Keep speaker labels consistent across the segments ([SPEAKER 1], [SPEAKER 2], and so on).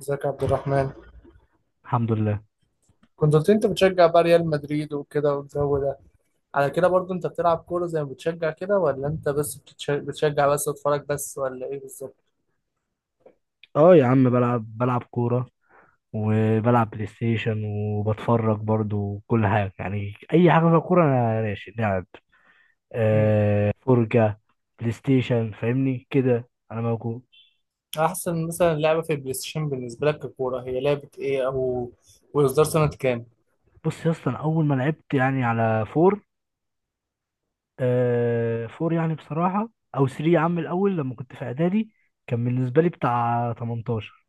[SPEAKER 1] ازيك يا عبد الرحمن؟
[SPEAKER 2] الحمد لله.
[SPEAKER 1] كنت قلت انت بتشجع بقى ريال مدريد وكده، والجو ده على كده برضو انت بتلعب كورة زي ما بتشجع كده، ولا انت بس بتشجع بس تتفرج بس، ولا ايه بالظبط؟
[SPEAKER 2] اه، يا عم بلعب كورة، وبلعب بلاي ستيشن، وبتفرج برضو كل حاجة. يعني أي حاجة فيها كورة أنا ماشي لعب، آه،
[SPEAKER 1] امم
[SPEAKER 2] فرجة، بلاي ستيشن، فاهمني كده أنا موجود.
[SPEAKER 1] احسن مثلا لعبة في البلاي ستيشن بالنسبة لك ككورة هي لعبة ايه؟ او واصدار سنة كام؟
[SPEAKER 2] بص يا اسطى، أنا أول ما لعبت يعني على فور، فور يعني بصراحة، أو 3 يا عم الأول لما كنت في إعدادي كان بالنسبة لي بتاع 18.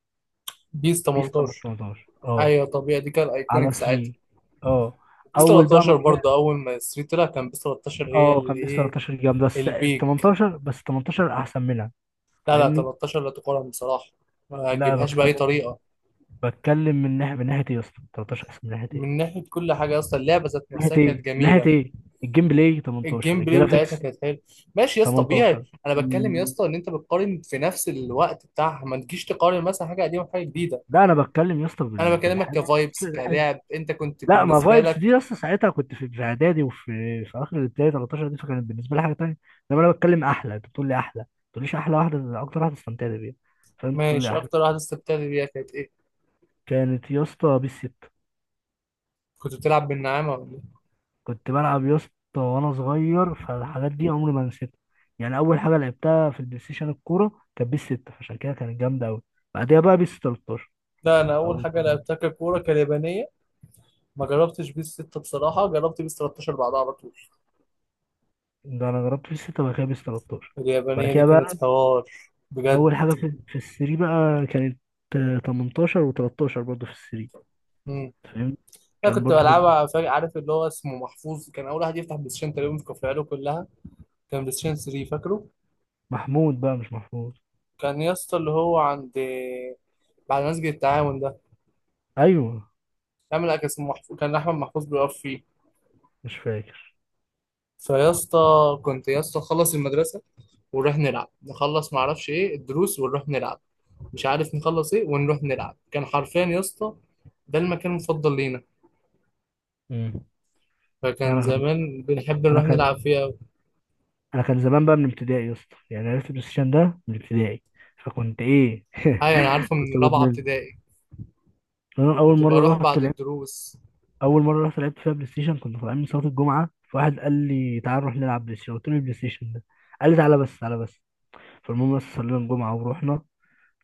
[SPEAKER 1] بيس
[SPEAKER 2] بيس
[SPEAKER 1] 18؟
[SPEAKER 2] 18، اه.
[SPEAKER 1] ايوه طبيعي، دي كان
[SPEAKER 2] على
[SPEAKER 1] ايكونيك ساعتها.
[SPEAKER 2] 3، اه.
[SPEAKER 1] بيس
[SPEAKER 2] أول بقى ما
[SPEAKER 1] 13 برضو
[SPEAKER 2] طلعت،
[SPEAKER 1] اول ما ستريت طلع كان بيس 13، هي
[SPEAKER 2] اه،
[SPEAKER 1] اللي
[SPEAKER 2] كان بيس
[SPEAKER 1] ايه.
[SPEAKER 2] 13 جامدة، بس ال
[SPEAKER 1] البيك.
[SPEAKER 2] 18، بس 18 احسن منها،
[SPEAKER 1] لا
[SPEAKER 2] فاهمني.
[SPEAKER 1] 13 لا تقارن بصراحة، ما
[SPEAKER 2] لا، أنا
[SPEAKER 1] تجيبهاش بأي
[SPEAKER 2] بتكلم
[SPEAKER 1] طريقة.
[SPEAKER 2] بتكلم من ناحية ايه يا اسطى؟ 13 احسن من ناحية
[SPEAKER 1] من
[SPEAKER 2] ايه؟
[SPEAKER 1] ناحيه كل حاجه، اصلا اللعبه ذات
[SPEAKER 2] من
[SPEAKER 1] نفسها
[SPEAKER 2] ناحية ايه؟
[SPEAKER 1] كانت
[SPEAKER 2] من ناحية
[SPEAKER 1] جميله.
[SPEAKER 2] ايه؟ الجيم بلاي 18،
[SPEAKER 1] الجيم بلاي بتاعتها
[SPEAKER 2] الجرافيكس
[SPEAKER 1] كانت حلوه. ماشي يا اسطى، طبيعي.
[SPEAKER 2] 18.
[SPEAKER 1] انا بتكلم يا
[SPEAKER 2] ال-
[SPEAKER 1] اسطى ان انت بتقارن في نفس الوقت بتاعها، ما تجيش تقارن مثلا حاجه قديمه بحاجه جديده.
[SPEAKER 2] لا، انا بتكلم يا اسطى بال-
[SPEAKER 1] انا بكلمك
[SPEAKER 2] بالحاجة
[SPEAKER 1] كفايبس
[SPEAKER 2] الحاجة-
[SPEAKER 1] كلاعب، انت كنت
[SPEAKER 2] لا، ما
[SPEAKER 1] بالنسبه
[SPEAKER 2] فايبس دي يا
[SPEAKER 1] لك.
[SPEAKER 2] اسطى، ساعتها كنت في اعدادي، وفي في اخر الابتدائي، 13 دي، فكانت بالنسبة لي حاجة تانية. انما انا بتكلم احلى، انت بتقول لي احلى، ما تقوليش احلى واحدة، اكتر واحدة استمتعت بيها، فانت بتقول لي
[SPEAKER 1] ماشي،
[SPEAKER 2] احلى.
[SPEAKER 1] اكتر واحده استمتعت بيها كانت ايه؟
[SPEAKER 2] كانت يا اسطى بيس 6.
[SPEAKER 1] كنت بتلعب بالنعامه ولا ايه؟
[SPEAKER 2] كنت بلعب يا اسطى وانا صغير، فالحاجات دي عمري ما نسيتها. يعني اول حاجه لعبتها في البلاي ستيشن الكوره كانت بيس 6، فعشان كده كانت جامده قوي. بعدها بقى بيس 13.
[SPEAKER 1] لا، انا اول
[SPEAKER 2] اول
[SPEAKER 1] حاجه
[SPEAKER 2] مرة.
[SPEAKER 1] لعبتها ككوره كاليابانيه. ما جربتش بيس 6 بصراحه، جربت بيس 13 بعدها على طول.
[SPEAKER 2] ده انا جربت بيس 6 وبعد كده بيس 13. بعد
[SPEAKER 1] اليابانيه دي
[SPEAKER 2] كده
[SPEAKER 1] كانت
[SPEAKER 2] بقى
[SPEAKER 1] حوار، بجد.
[SPEAKER 2] اول حاجه في السري بقى كانت آه، 18 و13 برضه في السري. فاهم؟
[SPEAKER 1] انا
[SPEAKER 2] كان
[SPEAKER 1] كنت
[SPEAKER 2] برضه
[SPEAKER 1] بلعبها، فاكر عارف اللي هو اسمه محفوظ، كان اول واحد يفتح بلاي ستيشن تقريبا في كفرياله كلها. كان بلاي ستيشن 3 فاكره.
[SPEAKER 2] محمود، بقى مش محمود.
[SPEAKER 1] كان يا اسطى اللي هو عند بعد مسجد التعاون ده،
[SPEAKER 2] ايوه،
[SPEAKER 1] يعمل اكل اسمه محفوظ، كان احمد محفوظ بيقف فيه.
[SPEAKER 2] مش فاكر.
[SPEAKER 1] فيا اسطى، كنت يا اسطى نخلص المدرسه ونروح نلعب، نخلص ما اعرفش ايه الدروس ونروح نلعب، مش عارف نخلص ايه ونروح نلعب. كان حرفيا يا اسطى، ده المكان المفضل لينا.
[SPEAKER 2] امم،
[SPEAKER 1] فكان
[SPEAKER 2] انا كان
[SPEAKER 1] زمان بنحب
[SPEAKER 2] انا
[SPEAKER 1] نروح نلعب
[SPEAKER 2] كان
[SPEAKER 1] فيه أوي.
[SPEAKER 2] انا كان زمان بقى من ابتدائي يا اسطى، يعني عرفت البلاي ستيشن ده من ابتدائي، فكنت ايه
[SPEAKER 1] ايوه، انا عارفه
[SPEAKER 2] كنت
[SPEAKER 1] من رابعه
[SPEAKER 2] بدمن.
[SPEAKER 1] ابتدائي.
[SPEAKER 2] انا اول
[SPEAKER 1] كنت
[SPEAKER 2] مره
[SPEAKER 1] بروح
[SPEAKER 2] رحت
[SPEAKER 1] بعد
[SPEAKER 2] لعبت
[SPEAKER 1] الدروس.
[SPEAKER 2] اول مره رحت لعبت فيها بلاي ستيشن كنت طالعين من صلاه الجمعه، فواحد قال لي تعال نروح نلعب بلاي ستيشن، قلت له إيه البلاي ستيشن ده؟ قال لي تعالى بس، تعالى بس. فالمهم، بس صلينا الجمعه ورحنا.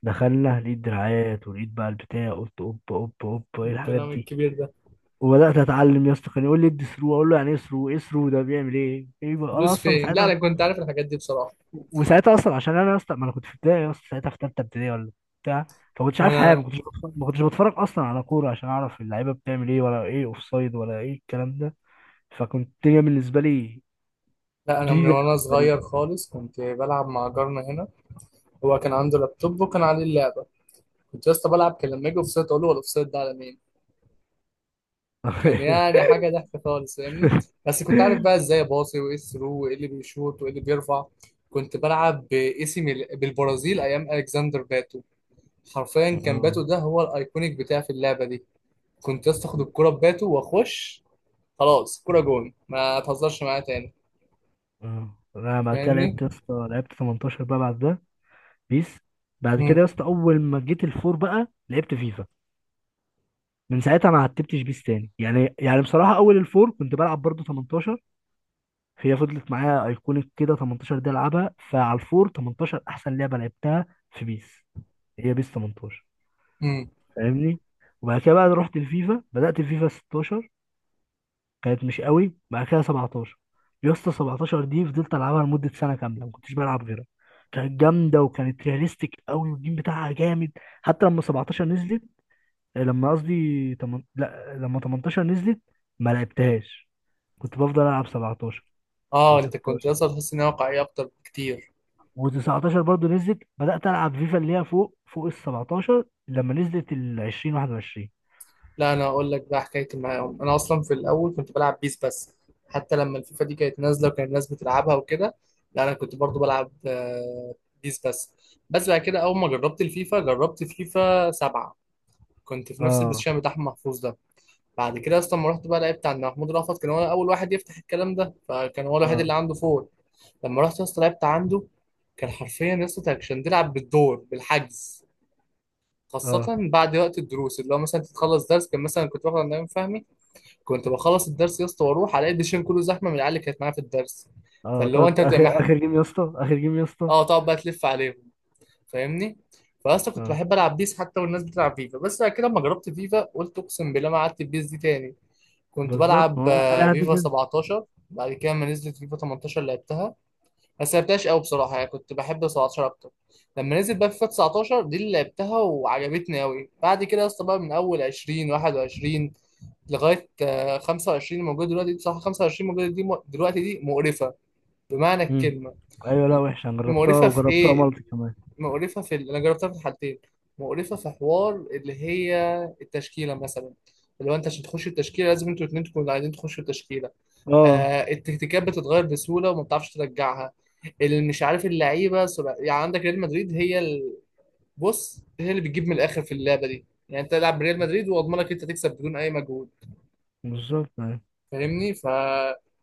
[SPEAKER 2] دخلنا، لقيت دراعات ولقيت بقى البتاع، قلت اوب اوب اوب، ايه الحاجات
[SPEAKER 1] الكلام
[SPEAKER 2] دي؟
[SPEAKER 1] الكبير ده.
[SPEAKER 2] وبدات اتعلم يا اسطى، كان يقول لي ادي ثرو، اقول له يعني ايه ثرو؟ ايه ثرو ده بيعمل ايه؟ ايه بقى؟ انا
[SPEAKER 1] فلوس
[SPEAKER 2] اصلا
[SPEAKER 1] فين؟ لا
[SPEAKER 2] ساعتها،
[SPEAKER 1] انا كنت عارف الحاجات دي بصراحه.
[SPEAKER 2] وساعتها اصلا، عشان انا اصلا، ما انا كنت في ابتدائي اصلا ساعتها في ثالثه ابتدائي ولا، بتاع. فما كنتش
[SPEAKER 1] ما
[SPEAKER 2] عارف حاجه،
[SPEAKER 1] انا
[SPEAKER 2] ما كنتش بتفرج اصلا على كوره عشان اعرف اللعيبه بتعمل ايه، ولا ايه اوف سايد ولا ايه الكلام ده. فكنت الدنيا بالنسبه لي
[SPEAKER 1] لا انا من
[SPEAKER 2] جديده،
[SPEAKER 1] وانا
[SPEAKER 2] غريبه
[SPEAKER 1] صغير خالص كنت بلعب مع جارنا هنا. هو كان عنده لابتوب وكان عليه اللعبه. كنت لسه بلعب، كان لما اجي اوفسايد اقول له هو الاوفسايد ده على مين. كان يعني حاجه ضحك خالص، فاهمني. بس كنت عارف بقى ازاي باصي، وايه الثرو، وايه اللي بيشوط، وايه اللي بيرفع. كنت بلعب باسم بالبرازيل ايام الكسندر باتو. حرفيا كان
[SPEAKER 2] آه.
[SPEAKER 1] باتو ده هو الايكونيك بتاعي في اللعبه دي. كنت لسه اخد الكوره بباتو واخش، خلاص كرة جون، ما تهزرش معايا تاني.
[SPEAKER 2] آه، انا بعد كده
[SPEAKER 1] فاهمني.
[SPEAKER 2] لعبت يا اسطى لعبت 18 بقى بعد ده، بيس. بعد كده
[SPEAKER 1] امم
[SPEAKER 2] يا اسطى اول ما جيت الفور بقى لعبت فيفا، من ساعتها ما عتبتش بيس تاني، يعني بصراحه، اول الفور كنت بلعب برضو 18. هي فضلت معايا ايكونيك كده، 18 دي العبها، فعلى الفور 18 احسن لعبه لعبتها في بيس، هي بيس 18،
[SPEAKER 1] امم
[SPEAKER 2] فاهمني. وبعد كده بقى رحت الفيفا، بدات الفيفا 16، كانت مش قوي، بعد كده 17. يا اسطى 17 دي فضلت العبها لمده سنه كامله، ما كنتش بلعب غيرها، كانت جامده وكانت رياليستيك قوي والجيم بتاعها جامد. حتى لما 17 نزلت، لا، لما 18 نزلت ما لعبتهاش، كنت بفضل العب 17
[SPEAKER 1] اه، انت كنت
[SPEAKER 2] و16.
[SPEAKER 1] اصلا تحس انها واقعية اكتر بكتير.
[SPEAKER 2] و19 برضو نزلت، بدأت ألعب فيفا اللي هي فوق فوق ال 17. لما نزلت ال 20 21،
[SPEAKER 1] لا انا اقول لك بقى حكايتي معاهم، انا اصلا في الاول كنت بلعب بيس بس، حتى لما الفيفا دي كانت نازلة وكان الناس بتلعبها وكده، لا انا كنت برضو بلعب بيس بس. بس بعد كده اول ما جربت الفيفا، جربت فيفا سبعة. كنت في نفس
[SPEAKER 2] اه
[SPEAKER 1] البوزيشن بتاع أحمد محفوظ ده. بعد كده اصلا ما رحت بقى لعبت عند محمود رأفت، كان هو اول واحد يفتح الكلام ده، فكان هو الوحيد
[SPEAKER 2] اه
[SPEAKER 1] اللي عنده فور. لما رحت يا اسطى لعبت عنده، كان حرفيا يا اسطى أنت كنت بتلعب بالدور بالحجز. خاصة
[SPEAKER 2] اه
[SPEAKER 1] بعد وقت الدروس، اللي هو مثلا تتخلص درس، كان مثلا كنت باخد عند نايم فهمي. كنت بخلص الدرس يا اسطى واروح الاقي الدشين كله زحمة من العيال اللي كانت معايا في الدرس.
[SPEAKER 2] اه،
[SPEAKER 1] فاللي هو
[SPEAKER 2] تقعد
[SPEAKER 1] انت بتبقى
[SPEAKER 2] اخر اخر جيم يا اسطى، اخر جيم يا اسطى.
[SPEAKER 1] اه تقعد بقى تلف عليهم، فاهمني. فاصلا كنت
[SPEAKER 2] اه،
[SPEAKER 1] بحب العب بيس حتى والناس بتلعب فيفا، بس بعد كده لما جربت فيفا قلت اقسم بالله ما قعدت بيس دي تاني. كنت
[SPEAKER 2] بالظبط،
[SPEAKER 1] بلعب
[SPEAKER 2] ما هو اي حد
[SPEAKER 1] فيفا
[SPEAKER 2] كده.
[SPEAKER 1] 17، بعد كده لما نزلت فيفا 18 لعبتها. ما لعبتهاش قوي بصراحه، يعني كنت بحب 17 اكتر. لما نزل بقى فيفا 19، دي اللي لعبتها وعجبتني قوي. بعد كده يا اسطى بقى من اول 20، 21، لغايه 25 موجوده دلوقتي دي، بصراحه 25 موجوده دي دلوقتي دي مقرفه بمعنى
[SPEAKER 2] مم.
[SPEAKER 1] الكلمه.
[SPEAKER 2] ايوه، لا
[SPEAKER 1] م-
[SPEAKER 2] وحشه، أنا جربتها
[SPEAKER 1] مقرفه في
[SPEAKER 2] وجربتها
[SPEAKER 1] ايه؟
[SPEAKER 2] مالتي كمان.
[SPEAKER 1] مقرفه في انا جربتها في الحالتين. مقرفه في حوار اللي هي التشكيله مثلا. اللي هو انت عشان تخش التشكيله لازم انتوا الاثنين تكونوا عايزين تخشوا التشكيله.
[SPEAKER 2] اه،
[SPEAKER 1] التكتيكات بتتغير بسهوله وما بتعرفش ترجعها. اللي مش عارف اللعيبه يعني عندك ريال مدريد هي بص هي اللي بتجيب من الاخر في اللعبه دي. يعني انت تلعب بريال مدريد واضمنك انت تكسب بدون اي مجهود،
[SPEAKER 2] بالظبط، أيوة.
[SPEAKER 1] فاهمني.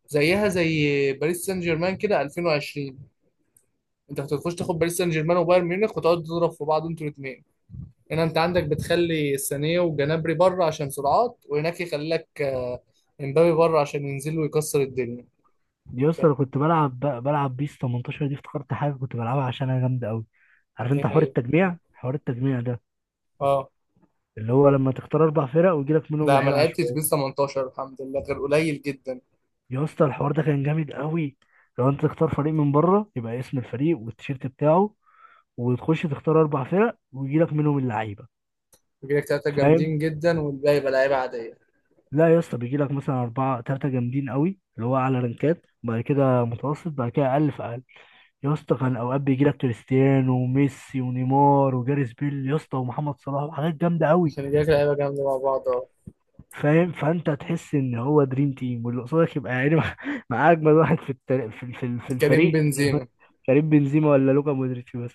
[SPEAKER 1] زيها زي باريس سان جيرمان كده 2020، انت كنت بتخش تاخد باريس سان جيرمان وبايرن ميونخ وتقعد تضرب في بعض انتوا الاثنين. هنا انت عندك بتخلي سانيه وجنابري بره عشان سرعات، وهناك يخلي لك امبابي بره عشان ينزل ويكسر الدنيا.
[SPEAKER 2] دي يا اسطى
[SPEAKER 1] فاهم؟
[SPEAKER 2] انا كنت بلعب بيس 18، دي افتكرت حاجه كنت بلعبها عشان انا جامده قوي. عارف
[SPEAKER 1] دي
[SPEAKER 2] انت حوار
[SPEAKER 1] هي.
[SPEAKER 2] التجميع حوار التجميع ده
[SPEAKER 1] اه،
[SPEAKER 2] اللي هو لما تختار اربع فرق ويجي لك منهم
[SPEAKER 1] لا ما
[SPEAKER 2] لعيبه
[SPEAKER 1] لعبتش بيس
[SPEAKER 2] عشوائيه.
[SPEAKER 1] 18 الحمد لله، غير قليل جدا.
[SPEAKER 2] يا اسطى الحوار ده كان جامد قوي. لو انت تختار فريق من بره يبقى اسم الفريق والتيشيرت بتاعه، وتخش تختار اربع فرق ويجي لك منهم اللعيبه،
[SPEAKER 1] بيجيلك تلاتة
[SPEAKER 2] فاهم؟
[SPEAKER 1] جامدين جدا والباقي يبقى لعيبة عادية،
[SPEAKER 2] لا يا اسطى بيجي لك مثلا اربعه، ثلاثه جامدين قوي اللي هو اعلى رانكات، بعد كده متوسط، بعد كده اقل في اقل. يا اسطى كان اوقات بيجي لك كريستيانو وميسي ونيمار وجاريث بيل يا اسطى، ومحمد صلاح، وحاجات جامده قوي.
[SPEAKER 1] عشان يجيلك لعيبة جامدة مع بعض، اه.
[SPEAKER 2] فاهم، فانت تحس ان هو دريم تيم، واللي قصادك يبقى يعني مع مع اجمد واحد في التل... في
[SPEAKER 1] كريم
[SPEAKER 2] الفريق يعني هو
[SPEAKER 1] بنزيما.
[SPEAKER 2] كريم بنزيما ولا لوكا مودريتش بس،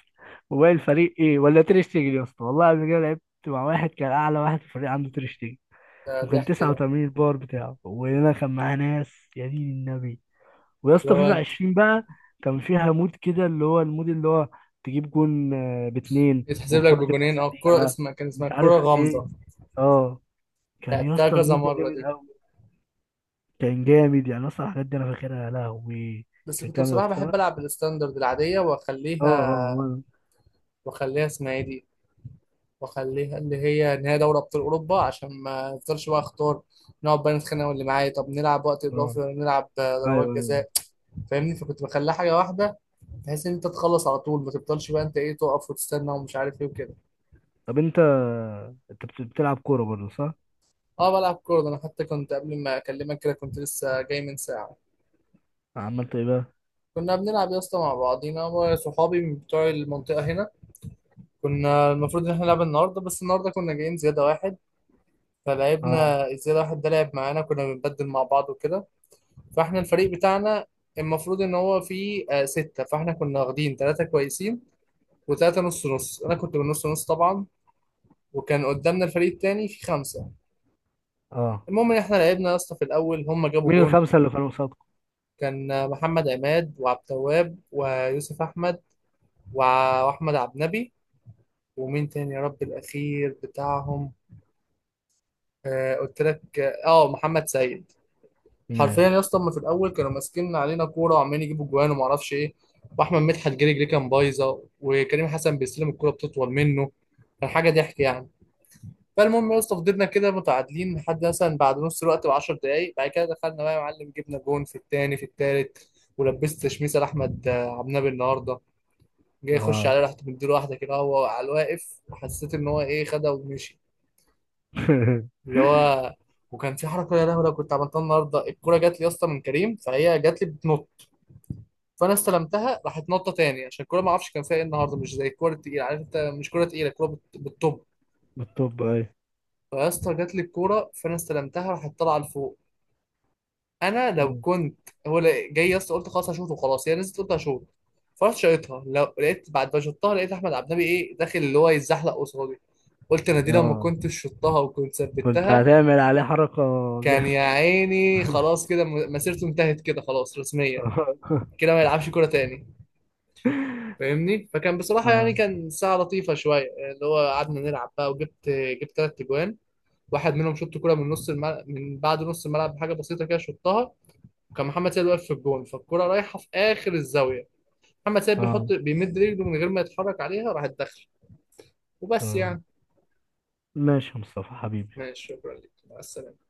[SPEAKER 2] وباقي الفريق ايه؟ ولا تير شتيجن؟ يا اسطى، والله قبل كده لعبت مع واحد كان اعلى واحد في الفريق عنده تير شتيجن،
[SPEAKER 1] ده
[SPEAKER 2] وكان
[SPEAKER 1] ضحك كده،
[SPEAKER 2] 89 الباور بتاعه، وانا كان معاه ناس، يا دين النبي. ويا
[SPEAKER 1] اللي
[SPEAKER 2] اسطى
[SPEAKER 1] هو
[SPEAKER 2] فيفا
[SPEAKER 1] انت
[SPEAKER 2] 20 بقى كان فيها مود كده اللي هو المود اللي هو تجيب جون آه، باتنين
[SPEAKER 1] يتحسب لك
[SPEAKER 2] والكرة تبقى
[SPEAKER 1] بجونين، اه. الكورة
[SPEAKER 2] سريعة.
[SPEAKER 1] اسمها كان اسمها
[SPEAKER 2] مش
[SPEAKER 1] الكورة
[SPEAKER 2] عارف ايه.
[SPEAKER 1] غامضة.
[SPEAKER 2] اه، كان يا
[SPEAKER 1] لعبتها
[SPEAKER 2] اسطى
[SPEAKER 1] كذا
[SPEAKER 2] المود ده
[SPEAKER 1] مرة
[SPEAKER 2] جامد.
[SPEAKER 1] دي.
[SPEAKER 2] كان جامد، يعني اصلا الحاجات دي انا فاكرها يا لهوي.
[SPEAKER 1] بس
[SPEAKER 2] كان
[SPEAKER 1] كنت
[SPEAKER 2] جامد،
[SPEAKER 1] بصراحة بحب ألعب الستاندرد العادية
[SPEAKER 2] اه. اه،
[SPEAKER 1] وأخليها، وأخليها اسمها ايه دي، وأخليها اللي هي إن هي دوري أبطال أوروبا، عشان ما أفضلش بقى أختار نقعد بقى نتخانق واللي معايا، طب نلعب وقت
[SPEAKER 2] اه.
[SPEAKER 1] إضافي ولا نلعب
[SPEAKER 2] ايوه،
[SPEAKER 1] ضربات
[SPEAKER 2] ايوه.
[SPEAKER 1] جزاء. فاهمني، فكنت بخليها حاجة واحدة بحيث ان انت تخلص على طول، ما تفضلش بقى انت ايه تقف وتستنى ومش عارف ايه وكده.
[SPEAKER 2] طب انت بتلعب كوره برضه صح؟
[SPEAKER 1] اه بلعب كوره، ده انا حتى كنت قبل ما اكلمك كده كنت لسه جاي من ساعه.
[SPEAKER 2] عملت ايه بقى؟
[SPEAKER 1] كنا بنلعب يا اسطى مع بعضينا وصحابي من بتوع المنطقه هنا. كنا المفروض ان احنا نلعب النهارده، بس النهارده كنا جايين زياده واحد،
[SPEAKER 2] اه،
[SPEAKER 1] فلعبنا الزياده واحد ده لعب معانا كنا بنبدل مع بعض وكده. فاحنا الفريق بتاعنا المفروض ان هو فيه ستة، فاحنا كنا واخدين ثلاثة كويسين وثلاثة نص نص، انا كنت من نص نص طبعا. وكان قدامنا الفريق التاني فيه خمسة.
[SPEAKER 2] اه.
[SPEAKER 1] المهم ان احنا لعبنا يا اسطى، في الاول هم جابوا
[SPEAKER 2] مين
[SPEAKER 1] جون.
[SPEAKER 2] الخمسه اللي كانوا قصادكم؟
[SPEAKER 1] كان محمد عماد وعبد التواب ويوسف احمد واحمد عبد النبي، ومين تاني يا رب الاخير بتاعهم، آه قلت لك، اه محمد سيد. حرفيا يا
[SPEAKER 2] ماشي،
[SPEAKER 1] اسطى هم في الاول كانوا ماسكين علينا كوره وعمالين يجيبوا جوان وما اعرفش ايه، واحمد مدحت جري جري كان بايظه، وكريم حسن بيستلم الكوره بتطول منه. كان حاجه ضحك يعني. فالمهم يا اسطى فضلنا كده متعادلين لحد مثلا بعد نص الوقت ب 10 دقايق، بعد كده دخلنا بقى يا معلم جبنا جون في التاني في التالت. ولبست تشميسه لاحمد عبد النابي النهارده، جاي يخش
[SPEAKER 2] اه
[SPEAKER 1] عليه رحت مديله واحده كده هو على الواقف، وحسيت ان هو ايه خدها ومشي. اللي هو وكان في حركه يا لهوي لو كنت عملتها النهارده، الكوره جات لي يا اسطى من كريم فهي جات لي بتنط، فانا استلمتها راحت نطه تاني، عشان الكوره ما اعرفش كان فيها ايه النهارده مش زي الكوره التقيله، عارف انت مش كوره تقيله، الكوره بالطب.
[SPEAKER 2] بالطب، ايوه.
[SPEAKER 1] فيا اسطى جات لي الكوره فانا استلمتها راحت طالعه لفوق. انا لو
[SPEAKER 2] مم.
[SPEAKER 1] كنت، هو جاي يا اسطى قلت خلاص هشوط، وخلاص هي نزلت قلت هشوط. فرحت شايطها، لو لقيت بعد ما شطها لقيت احمد عبد النبي ايه داخل اللي هو يتزحلق قصادي. قلت انا دي لما
[SPEAKER 2] اه،
[SPEAKER 1] كنت شطها وكنت
[SPEAKER 2] كنت
[SPEAKER 1] ثبتها،
[SPEAKER 2] هتعمل عليه حركه
[SPEAKER 1] كان يا
[SPEAKER 2] جامده
[SPEAKER 1] عيني خلاص كده مسيرته انتهت كده خلاص رسميا، كده ما يلعبش كوره تاني، فاهمني. فكان بصراحه يعني
[SPEAKER 2] اه
[SPEAKER 1] كان ساعه لطيفه شويه، اللي هو قعدنا نلعب بقى وجبت، جبت ثلاث اجوان. واحد منهم شط كوره من نص الملعب، من بعد نص الملعب بحاجه بسيطه كده شطها، وكان محمد سيد واقف في الجون، فالكرة رايحة في آخر الزاوية، محمد سيد
[SPEAKER 2] اه
[SPEAKER 1] بيحط بيمد رجله من غير ما يتحرك عليها راح تدخل، وبس
[SPEAKER 2] اه.
[SPEAKER 1] يعني.
[SPEAKER 2] ماشي يا مصطفى حبيبي.
[SPEAKER 1] ماشي، شكرا لك، مع السلامة.